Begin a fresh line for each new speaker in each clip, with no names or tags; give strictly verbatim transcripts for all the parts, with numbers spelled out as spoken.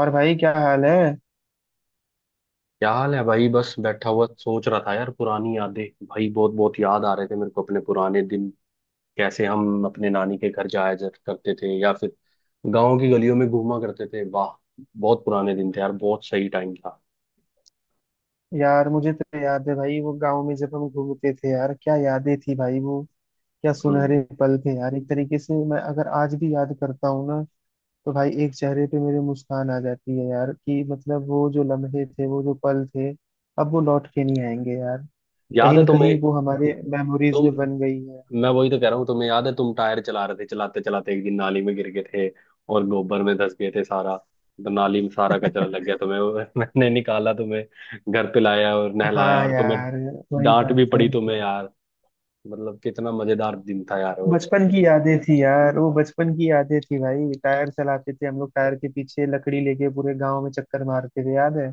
और भाई क्या हाल है।
क्या हाल है भाई। बस बैठा हुआ सोच रहा था यार, पुरानी यादें भाई। बहुत बहुत याद आ रहे थे मेरे को अपने पुराने दिन। कैसे हम अपने नानी के घर जाया जर- करते थे, या फिर गांव की गलियों में घूमा करते थे। वाह, बहुत पुराने दिन थे यार, बहुत सही टाइम था।
यार मुझे तो याद है भाई वो गांव में जब हम घूमते थे यार, क्या यादें थी भाई वो। क्या
हम्म।
सुनहरे पल थे यार, एक तरीके से मैं अगर आज भी याद करता हूँ ना, तो भाई एक चेहरे पे मेरे मुस्कान आ जाती है यार कि मतलब वो जो लम्हे थे वो जो पल थे, अब वो लौट के नहीं आएंगे यार।
याद
कहीं
है
ना
तुम्हें?
कहीं वो हमारे मेमोरीज
तुम
में बन गई है।
मैं वही तो कह रहा हूँ, तुम्हें याद है, तुम टायर चला रहे थे, चलाते चलाते एक दिन नाली में गिर गए थे और गोबर में धंस गए थे सारा, तो नाली में सारा कचरा लग गया तुम्हें वो। मैंने निकाला तुम्हें, घर पे लाया और नहलाया,
हाँ
और तुम्हें
यार, वही
डांट
बात
भी
है।
पड़ी तुम्हें यार। मतलब कितना मजेदार दिन था यार वो।
बचपन की यादें थी यार वो, बचपन की यादें थी भाई। टायर चलाते थे हम लोग, टायर के पीछे लकड़ी लेके पूरे गांव में चक्कर मारते थे, याद है।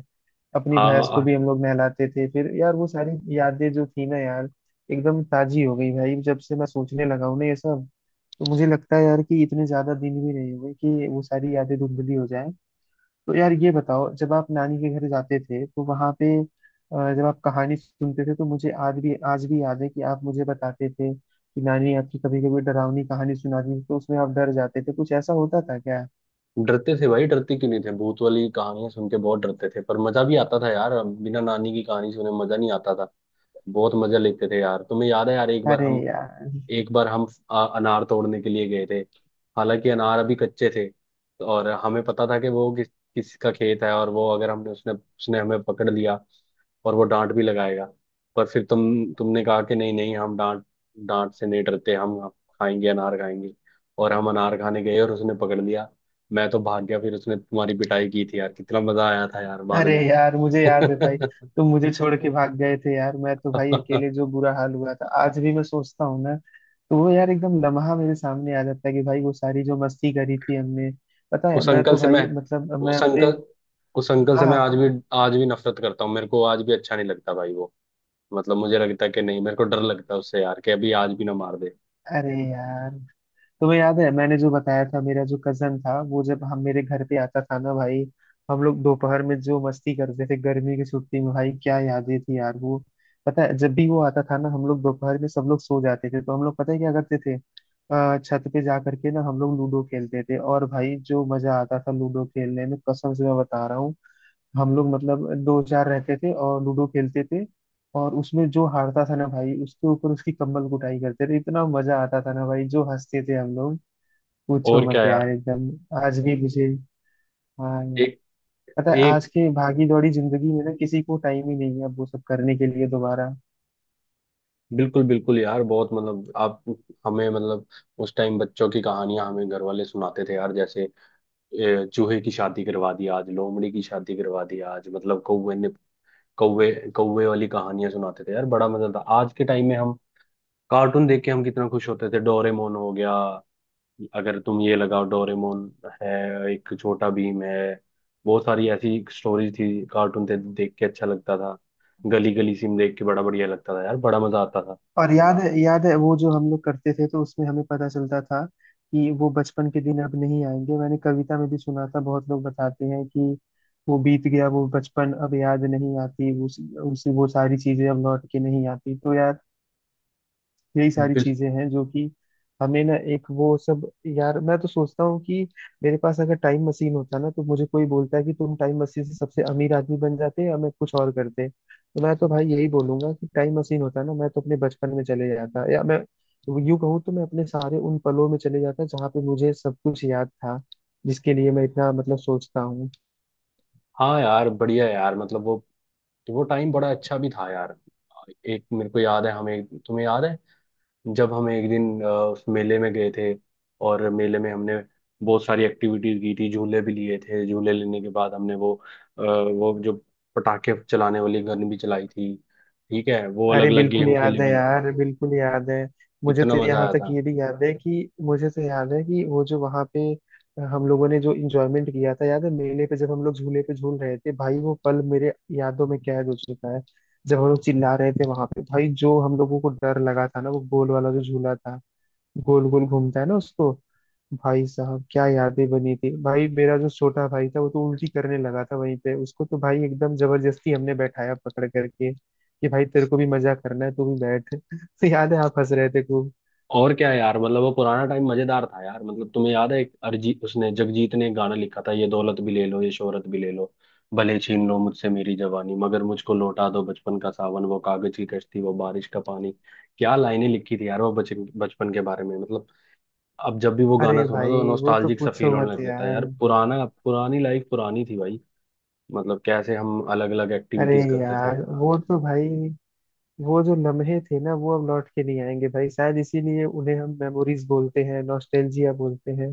अपनी
हाँ,
भैंस को
और।
भी हम लोग नहलाते थे फिर यार, वो सारी यादें जो थी ना यार, एकदम ताजी हो गई भाई जब से मैं सोचने लगा हूं ना ये सब। तो मुझे लगता है यार कि इतने ज्यादा दिन भी नहीं हुए कि वो सारी यादें धुंधली हो जाए। तो यार ये बताओ, जब आप नानी के घर जाते थे तो वहां पे अ, जब आप कहानी सुनते थे, तो मुझे आज भी आज भी याद है कि आप मुझे बताते थे कि नानी आपकी कभी कभी डरावनी कहानी सुनाती थी तो उसमें आप डर जाते थे, कुछ ऐसा होता था क्या।
डरते थे भाई, डरते क्यों नहीं थे, भूत वाली कहानियां सुन के बहुत डरते थे, पर मजा भी आता था यार, बिना नानी की कहानी सुने मजा नहीं आता था। बहुत मजा लेते थे यार। तुम्हें याद है यार, एक बार
अरे
हम
यार,
एक बार हम आ, अनार तोड़ने के लिए गए थे, हालांकि अनार अभी कच्चे थे। और हमें पता था कि वो किस किसका खेत है, और वो अगर हमने उसने उसने हमें पकड़ लिया और वो डांट भी लगाएगा। पर फिर तुम तुमने कहा कि नहीं नहीं, हम डांट डांट से नहीं डरते, हम खाएंगे, अनार खाएंगे। और हम अनार खाने गए और उसने पकड़ लिया, मैं तो भाग गया। फिर उसने तुम्हारी पिटाई की थी यार, कितना मजा आया था यार बाद
अरे
में।
यार मुझे याद है भाई, तुम मुझे छोड़ के भाग गए थे यार। मैं तो भाई अकेले जो बुरा हाल हुआ था, आज भी मैं सोचता हूँ ना, तो वो यार एकदम लम्हा मेरे सामने आ जाता है कि भाई वो सारी जो मस्ती करी थी हमने। पता है
उस
मैं
अंकल
तो
से मैं
भाई मतलब मैं
उस
अपने,
अंकल उस अंकल से मैं आज
हाँ,
भी आज भी नफरत करता हूँ, मेरे को आज भी अच्छा नहीं लगता भाई वो। मतलब मुझे लगता है कि नहीं, मेरे को डर लगता है उससे यार, कि अभी आज भी ना मार दे।
अरे यार तुम्हें याद है मैंने जो बताया था, मेरा जो कजन था वो जब हम मेरे घर पे आता था ना भाई, हम लोग दोपहर में जो मस्ती करते थे गर्मी की छुट्टी में, भाई क्या यादें थी यार वो। पता है जब भी वो आता था ना, हम लोग दोपहर में सब लोग सो जाते थे, तो हम लोग पता है क्या करते थे, अ, छत पे जा करके ना हम लोग लूडो खेलते थे, और भाई जो मजा आता था लूडो खेलने में, कसम से मैं बता रहा हूँ। हम लोग मतलब दो चार रहते थे और लूडो खेलते थे, और उसमें जो हारता था ना भाई, उसके ऊपर उसकी कंबल कुटाई करते थे, इतना मजा आता था ना भाई, जो हंसते थे हम लोग पूछो
और क्या
मत यार
यार।
एकदम। आज भी मुझे, हाँ यार,
एक
पता है
एक
आज के भागी दौड़ी जिंदगी में ना किसी को टाइम ही नहीं है अब वो सब करने के लिए दोबारा।
बिल्कुल बिल्कुल यार। बहुत मतलब आप हमें मतलब उस टाइम बच्चों की कहानियां हमें घर वाले सुनाते थे यार। जैसे ए, चूहे की शादी करवा दी आज, लोमड़ी की शादी करवा दी आज, मतलब कौवे ने कौवे कौवे वाली कहानियां सुनाते थे यार। बड़ा मजा था। आज के टाइम में हम कार्टून देख के हम कितना खुश होते थे। डोरेमोन हो गया, अगर तुम ये लगाओ डोरेमोन है, एक छोटा भीम है, बहुत सारी ऐसी स्टोरीज थी, कार्टून थे देख के अच्छा लगता था। गली गली सिम देख के बड़ा बढ़िया लगता था यार, बड़ा मजा आता था।
और याद है, याद है वो जो हम लोग करते थे, तो उसमें हमें पता चलता था कि वो बचपन के दिन अब नहीं आएंगे। मैंने कविता में भी सुना था, बहुत लोग बताते हैं कि वो बीत गया वो बचपन, अब याद नहीं आती उस, उस वो सारी चीजें अब लौट के नहीं आती। तो यार यही सारी
बिल
चीजें हैं जो कि हमें ना एक वो सब। यार मैं तो सोचता हूँ कि मेरे पास अगर टाइम मशीन होता ना, तो मुझे कोई बोलता है कि तुम टाइम मशीन से सबसे अमीर आदमी बन जाते या मैं कुछ और करते, तो मैं तो भाई यही बोलूंगा कि टाइम मशीन होता ना, मैं तो अपने बचपन में चले जाता, या मैं यूं कहूँ तो मैं अपने सारे उन पलों में चले जाता जहाँ पे मुझे सब कुछ याद था, जिसके लिए मैं इतना मतलब सोचता हूँ।
हाँ यार, बढ़िया यार। मतलब वो वो टाइम बड़ा अच्छा भी था यार। एक मेरे को याद है, हमें तुम्हें याद है जब हम एक दिन अ, उस मेले में गए थे और मेले में हमने बहुत सारी एक्टिविटीज की थी, झूले भी लिए थे। झूले लेने के बाद हमने वो अ, वो जो पटाखे चलाने वाली गन भी चलाई थी। ठीक है, वो अलग
अरे
अलग
बिल्कुल
गेम खेले
याद है
भी।
यार, बिल्कुल याद है। मुझे
कितना
तो
मजा
यहाँ
आया
तक
था।
ये भी याद है कि मुझे तो याद है कि वो जो वहाँ पे हम लोगों ने जो इंजॉयमेंट किया था, याद है मेले पे जब हम लोग झूले पे झूल रहे थे, भाई वो पल मेरे यादों में कैद हो चुका है। जब हम लोग चिल्ला रहे थे वहां पे, भाई जो हम लोगों को डर लगा था ना, वो गोल वाला जो झूला था, गोल गोल घूमता है ना उसको, भाई साहब क्या यादें बनी थी भाई। मेरा जो छोटा भाई था वो तो उल्टी करने लगा था वहीं पे, उसको तो भाई एकदम जबरदस्ती हमने बैठाया पकड़ करके कि भाई तेरे को भी मजा करना है तू भी बैठ। तो याद है आप हंस रहे थे खूब।
और क्या है यार, मतलब वो पुराना टाइम मजेदार था यार। मतलब तुम्हें याद है, एक अरिजीत उसने जगजीत ने एक गाना लिखा था, ये दौलत भी ले लो ये शोहरत भी ले लो, भले छीन लो मुझसे मेरी जवानी, मगर मुझको लौटा दो बचपन का सावन, वो कागज की कश्ती, वो बारिश का पानी। क्या लाइनें लिखी थी यार वो बच बचपन के बारे में। मतलब अब जब भी वो गाना
अरे
सुनो
भाई
तो
वो तो
नॉस्टैल्जिक सा फील
पूछो
होने
मत
लग जाता है
यार।
यार। पुराना पुरानी लाइफ पुरानी थी भाई। मतलब कैसे हम अलग अलग
अरे
एक्टिविटीज करते थे
यार
यार।
वो तो भाई, वो जो लम्हे थे ना वो अब लौट के नहीं आएंगे भाई, शायद इसीलिए उन्हें हम मेमोरीज बोलते हैं, नॉस्टैल्जिया बोलते हैं।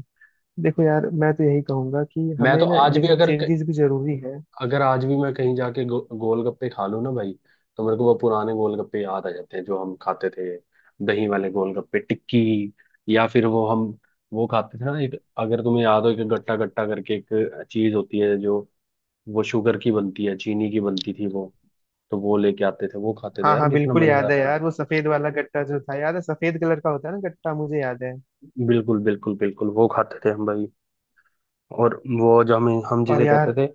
देखो यार मैं तो यही कहूंगा कि
मैं
हमें
तो
ना
आज
ये
भी
सब
अगर,
चेंजेस भी जरूरी है।
अगर आज भी मैं कहीं जाके गो, गोलगप्पे खा लूँ ना भाई, तो मेरे को वो पुराने गोलगप्पे याद आ जाते हैं जो हम खाते थे। दही वाले गोलगप्पे, टिक्की, या फिर वो हम वो खाते थे ना, एक अगर तुम्हें याद हो, एक गट्टा गट्टा करके एक चीज होती है जो, वो शुगर की बनती है, चीनी की बनती थी वो। तो वो लेके आते थे, वो खाते थे
हाँ
यार,
हाँ
कितना
बिल्कुल याद
मजेदार
है
था।
यार, वो सफेद वाला गट्टा जो था, याद है सफेद कलर का होता है ना गट्टा, मुझे याद है।
बिल्कुल बिल्कुल बिल्कुल वो खाते थे हम भाई। और वो जो हमें हम
और
जिसे कहते
यार,
थे,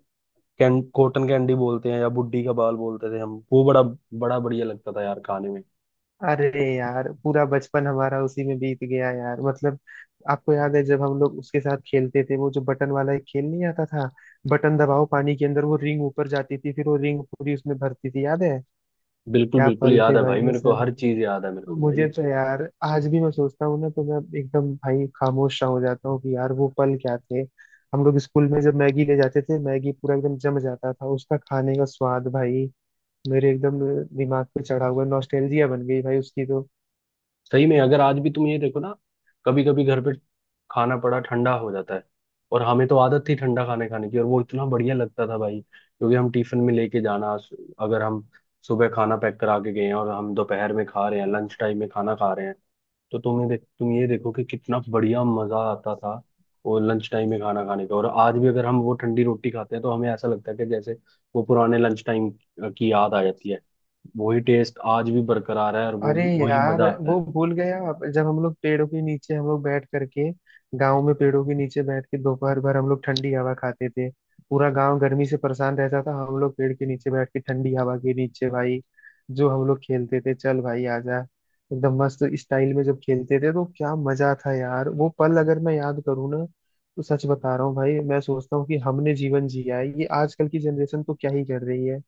कैन, कॉटन कैंडी बोलते हैं, या बुड्ढी का बाल बोलते थे हम, वो बड़ा बड़ा बढ़िया लगता था यार खाने में।
अरे यार पूरा बचपन हमारा उसी में बीत गया यार मतलब। आपको याद है जब हम लोग उसके साथ खेलते थे, वो जो बटन वाला एक खेल नहीं आता था, बटन दबाओ पानी के अंदर वो रिंग ऊपर जाती थी फिर वो रिंग पूरी उसमें भरती थी, याद है।
बिल्कुल
क्या
बिल्कुल
पल
याद
थे
है
भाई
भाई,
वो
मेरे को हर
सब।
चीज याद है मेरे को
मुझे
भाई।
तो यार आज भी मैं सोचता हूँ ना तो मैं एकदम भाई खामोश सा हो जाता हूँ कि यार वो पल क्या थे। हम लोग स्कूल में जब मैगी ले जाते थे, मैगी पूरा एकदम जम जाता था, उसका खाने का स्वाद भाई मेरे एकदम दिमाग पे चढ़ा हुआ नॉस्टैल्जिया बन गई भाई उसकी तो।
सही में अगर आज भी तुम ये देखो ना, कभी कभी घर पे खाना पड़ा ठंडा हो जाता है, और हमें तो आदत थी ठंडा खाने खाने की, और वो इतना बढ़िया लगता था भाई, क्योंकि हम टिफिन में लेके जाना, अगर हम सुबह खाना पैक करा के गए हैं और हम दोपहर में खा रहे हैं, लंच टाइम में खाना खा रहे हैं, तो तुम्हें देख तुम ये देखो कि कितना बढ़िया मजा आता था वो लंच टाइम में खाना खाने का। और आज भी अगर हम वो ठंडी रोटी खाते हैं तो हमें ऐसा लगता है कि जैसे वो पुराने लंच टाइम की याद आ जाती है। वही टेस्ट आज भी बरकरार है, और वो
अरे
भी वही
यार
मजा आता
वो
है।
भूल गया आप, जब हम लोग पेड़ों के नीचे हम लोग बैठ करके गांव में पेड़ों के नीचे बैठ के दोपहर भर हम लोग ठंडी हवा खाते थे। पूरा गांव गर्मी से परेशान रहता था, हम लोग पेड़ के नीचे बैठ के ठंडी हवा के नीचे भाई, जो हम लोग खेलते थे, चल भाई आजा, एकदम मस्त स्टाइल में जब खेलते थे, तो क्या मजा था यार। वो पल अगर मैं याद करूँ ना, तो सच बता रहा हूँ भाई, मैं सोचता हूँ कि हमने जीवन जिया है, ये आजकल की जनरेशन तो क्या ही कर रही है,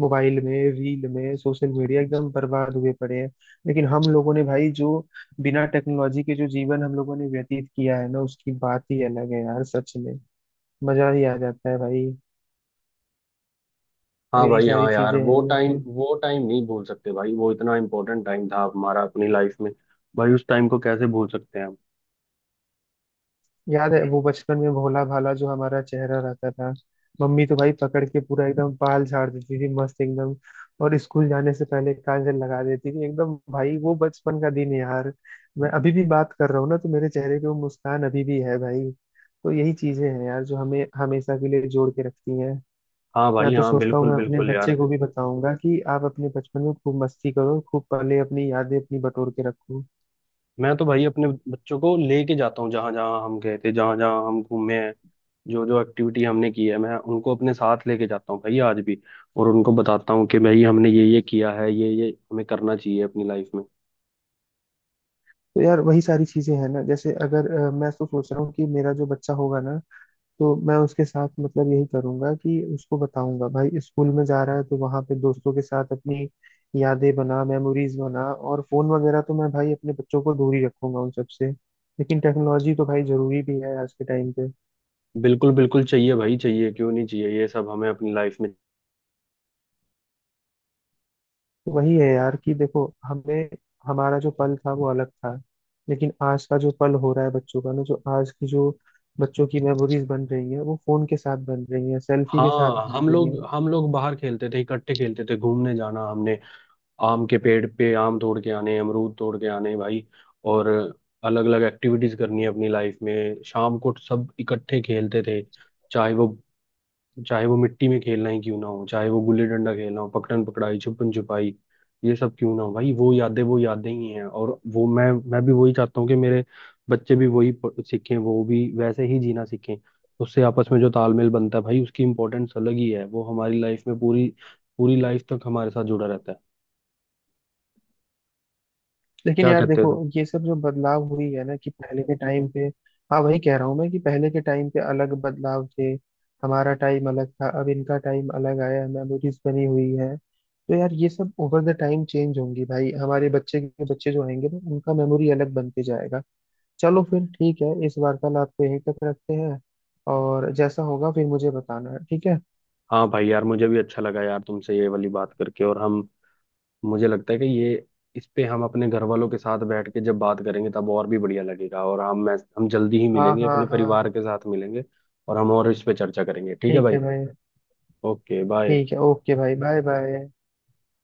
मोबाइल में, रील में, सोशल मीडिया, एकदम बर्बाद हुए पड़े हैं। लेकिन हम लोगों ने भाई जो बिना टेक्नोलॉजी के जो जीवन हम लोगों ने व्यतीत किया है ना, उसकी बात ही अलग है यार सच में। मजा ही आ जाता है भाई। तो
हाँ
यही
भाई,
सारी
हाँ यार,
चीजें हैं
वो टाइम
वैसे।
वो टाइम नहीं भूल सकते भाई, वो इतना इम्पोर्टेंट टाइम था हमारा अपनी लाइफ में। भाई उस टाइम को कैसे भूल सकते हैं हम।
याद है वो बचपन में भोला भाला जो हमारा चेहरा रहता था, मम्मी तो भाई पकड़ के पूरा एकदम बाल झाड़ देती थी मस्त एकदम, और स्कूल जाने से पहले काजल लगा देती थी एकदम, भाई वो बचपन का दिन है यार। मैं अभी भी बात कर रहा हूँ ना, तो मेरे चेहरे पे वो मुस्कान अभी भी है भाई। तो यही चीजें हैं यार जो हमें हमेशा के लिए जोड़ के रखती हैं।
हाँ
मैं
भाई,
तो
हाँ
सोचता हूँ
बिल्कुल
मैं अपने
बिल्कुल यार।
बच्चे को भी बताऊंगा कि आप अपने बचपन में खूब मस्ती करो, खूब पहले अपनी यादें अपनी बटोर के रखो।
मैं तो भाई अपने बच्चों को लेके जाता हूँ, जहां जहां हम गए थे, जहां जहां हम घूमे हैं, जो जो एक्टिविटी हमने की है, मैं उनको अपने साथ लेके जाता हूँ भाई आज भी, और उनको बताता हूँ कि भाई हमने ये ये किया है, ये ये हमें करना चाहिए अपनी लाइफ में।
तो यार वही सारी चीजें हैं ना, जैसे अगर अ, मैं तो सोच रहा हूँ कि मेरा जो बच्चा होगा ना, तो मैं उसके साथ मतलब यही करूंगा कि उसको बताऊंगा भाई स्कूल में जा रहा है तो वहां पे दोस्तों के साथ अपनी यादें बना, मेमोरीज बना। और फोन वगैरह तो मैं भाई अपने बच्चों को दूर ही रखूंगा उन सबसे, लेकिन टेक्नोलॉजी तो भाई जरूरी भी है आज के टाइम पे।
बिल्कुल बिल्कुल, चाहिए भाई, चाहिए क्यों नहीं, चाहिए ये सब हमें अपनी लाइफ में।
वही है यार कि देखो हमें, हमारा जो पल था वो अलग था, लेकिन आज का जो पल हो रहा है बच्चों का ना, जो आज की जो बच्चों की मेमोरीज बन रही है, वो फोन के साथ बन रही है, सेल्फी के साथ
हाँ,
बन
हम
रही
लोग
है।
हम लोग बाहर खेलते थे, इकट्ठे खेलते थे, घूमने जाना हमने, आम के पेड़ पे आम तोड़ के आने, अमरूद तोड़ के आने भाई, और अलग अलग एक्टिविटीज करनी है अपनी लाइफ में, शाम को सब इकट्ठे खेलते थे। चाहे वो चाहे वो मिट्टी में खेलना ही क्यों ना हो, चाहे वो गुल्ली डंडा खेलना हो, पकड़न पकड़ाई, छुपन छुपाई, ये सब क्यों ना हो भाई, वो यादें वो यादें ही हैं। और वो मैं मैं भी वही चाहता हूँ कि मेरे बच्चे भी वही प- सीखें, वो भी वैसे ही जीना सीखें। उससे आपस में जो तालमेल बनता है भाई, उसकी इम्पोर्टेंस अलग ही है, वो हमारी लाइफ में पूरी पूरी लाइफ तक हमारे साथ जुड़ा रहता है।
लेकिन
क्या
यार
कहते हो
देखो,
तुम?
ये सब जो बदलाव हुई है ना, कि पहले के टाइम पे, हाँ वही कह रहा हूँ मैं कि पहले के टाइम पे अलग बदलाव थे, हमारा टाइम अलग था, अब इनका टाइम अलग आया, मेमोरीज बनी हुई है। तो यार ये सब ओवर द टाइम चेंज होंगी भाई, हमारे बच्चे के बच्चे जो आएंगे ना उनका मेमोरी अलग बनते जाएगा। चलो फिर ठीक है, इस वार्तालाप को यहीं तक रखते हैं, और जैसा होगा फिर मुझे बताना है, ठीक है।
हाँ भाई यार, मुझे भी अच्छा लगा यार तुमसे ये वाली बात करके। और हम मुझे लगता है कि ये, इस पे हम अपने घर वालों के साथ बैठ के जब बात करेंगे तब और भी बढ़िया लगेगा। और हम मैं हम जल्दी ही
हाँ
मिलेंगे,
हाँ
अपने
हाँ,
परिवार के साथ मिलेंगे, और हम और इस पे चर्चा करेंगे, ठीक है
ठीक
भाई।
है भाई।
Okay bye.
ठीक है ओके भाई, बाय बाय।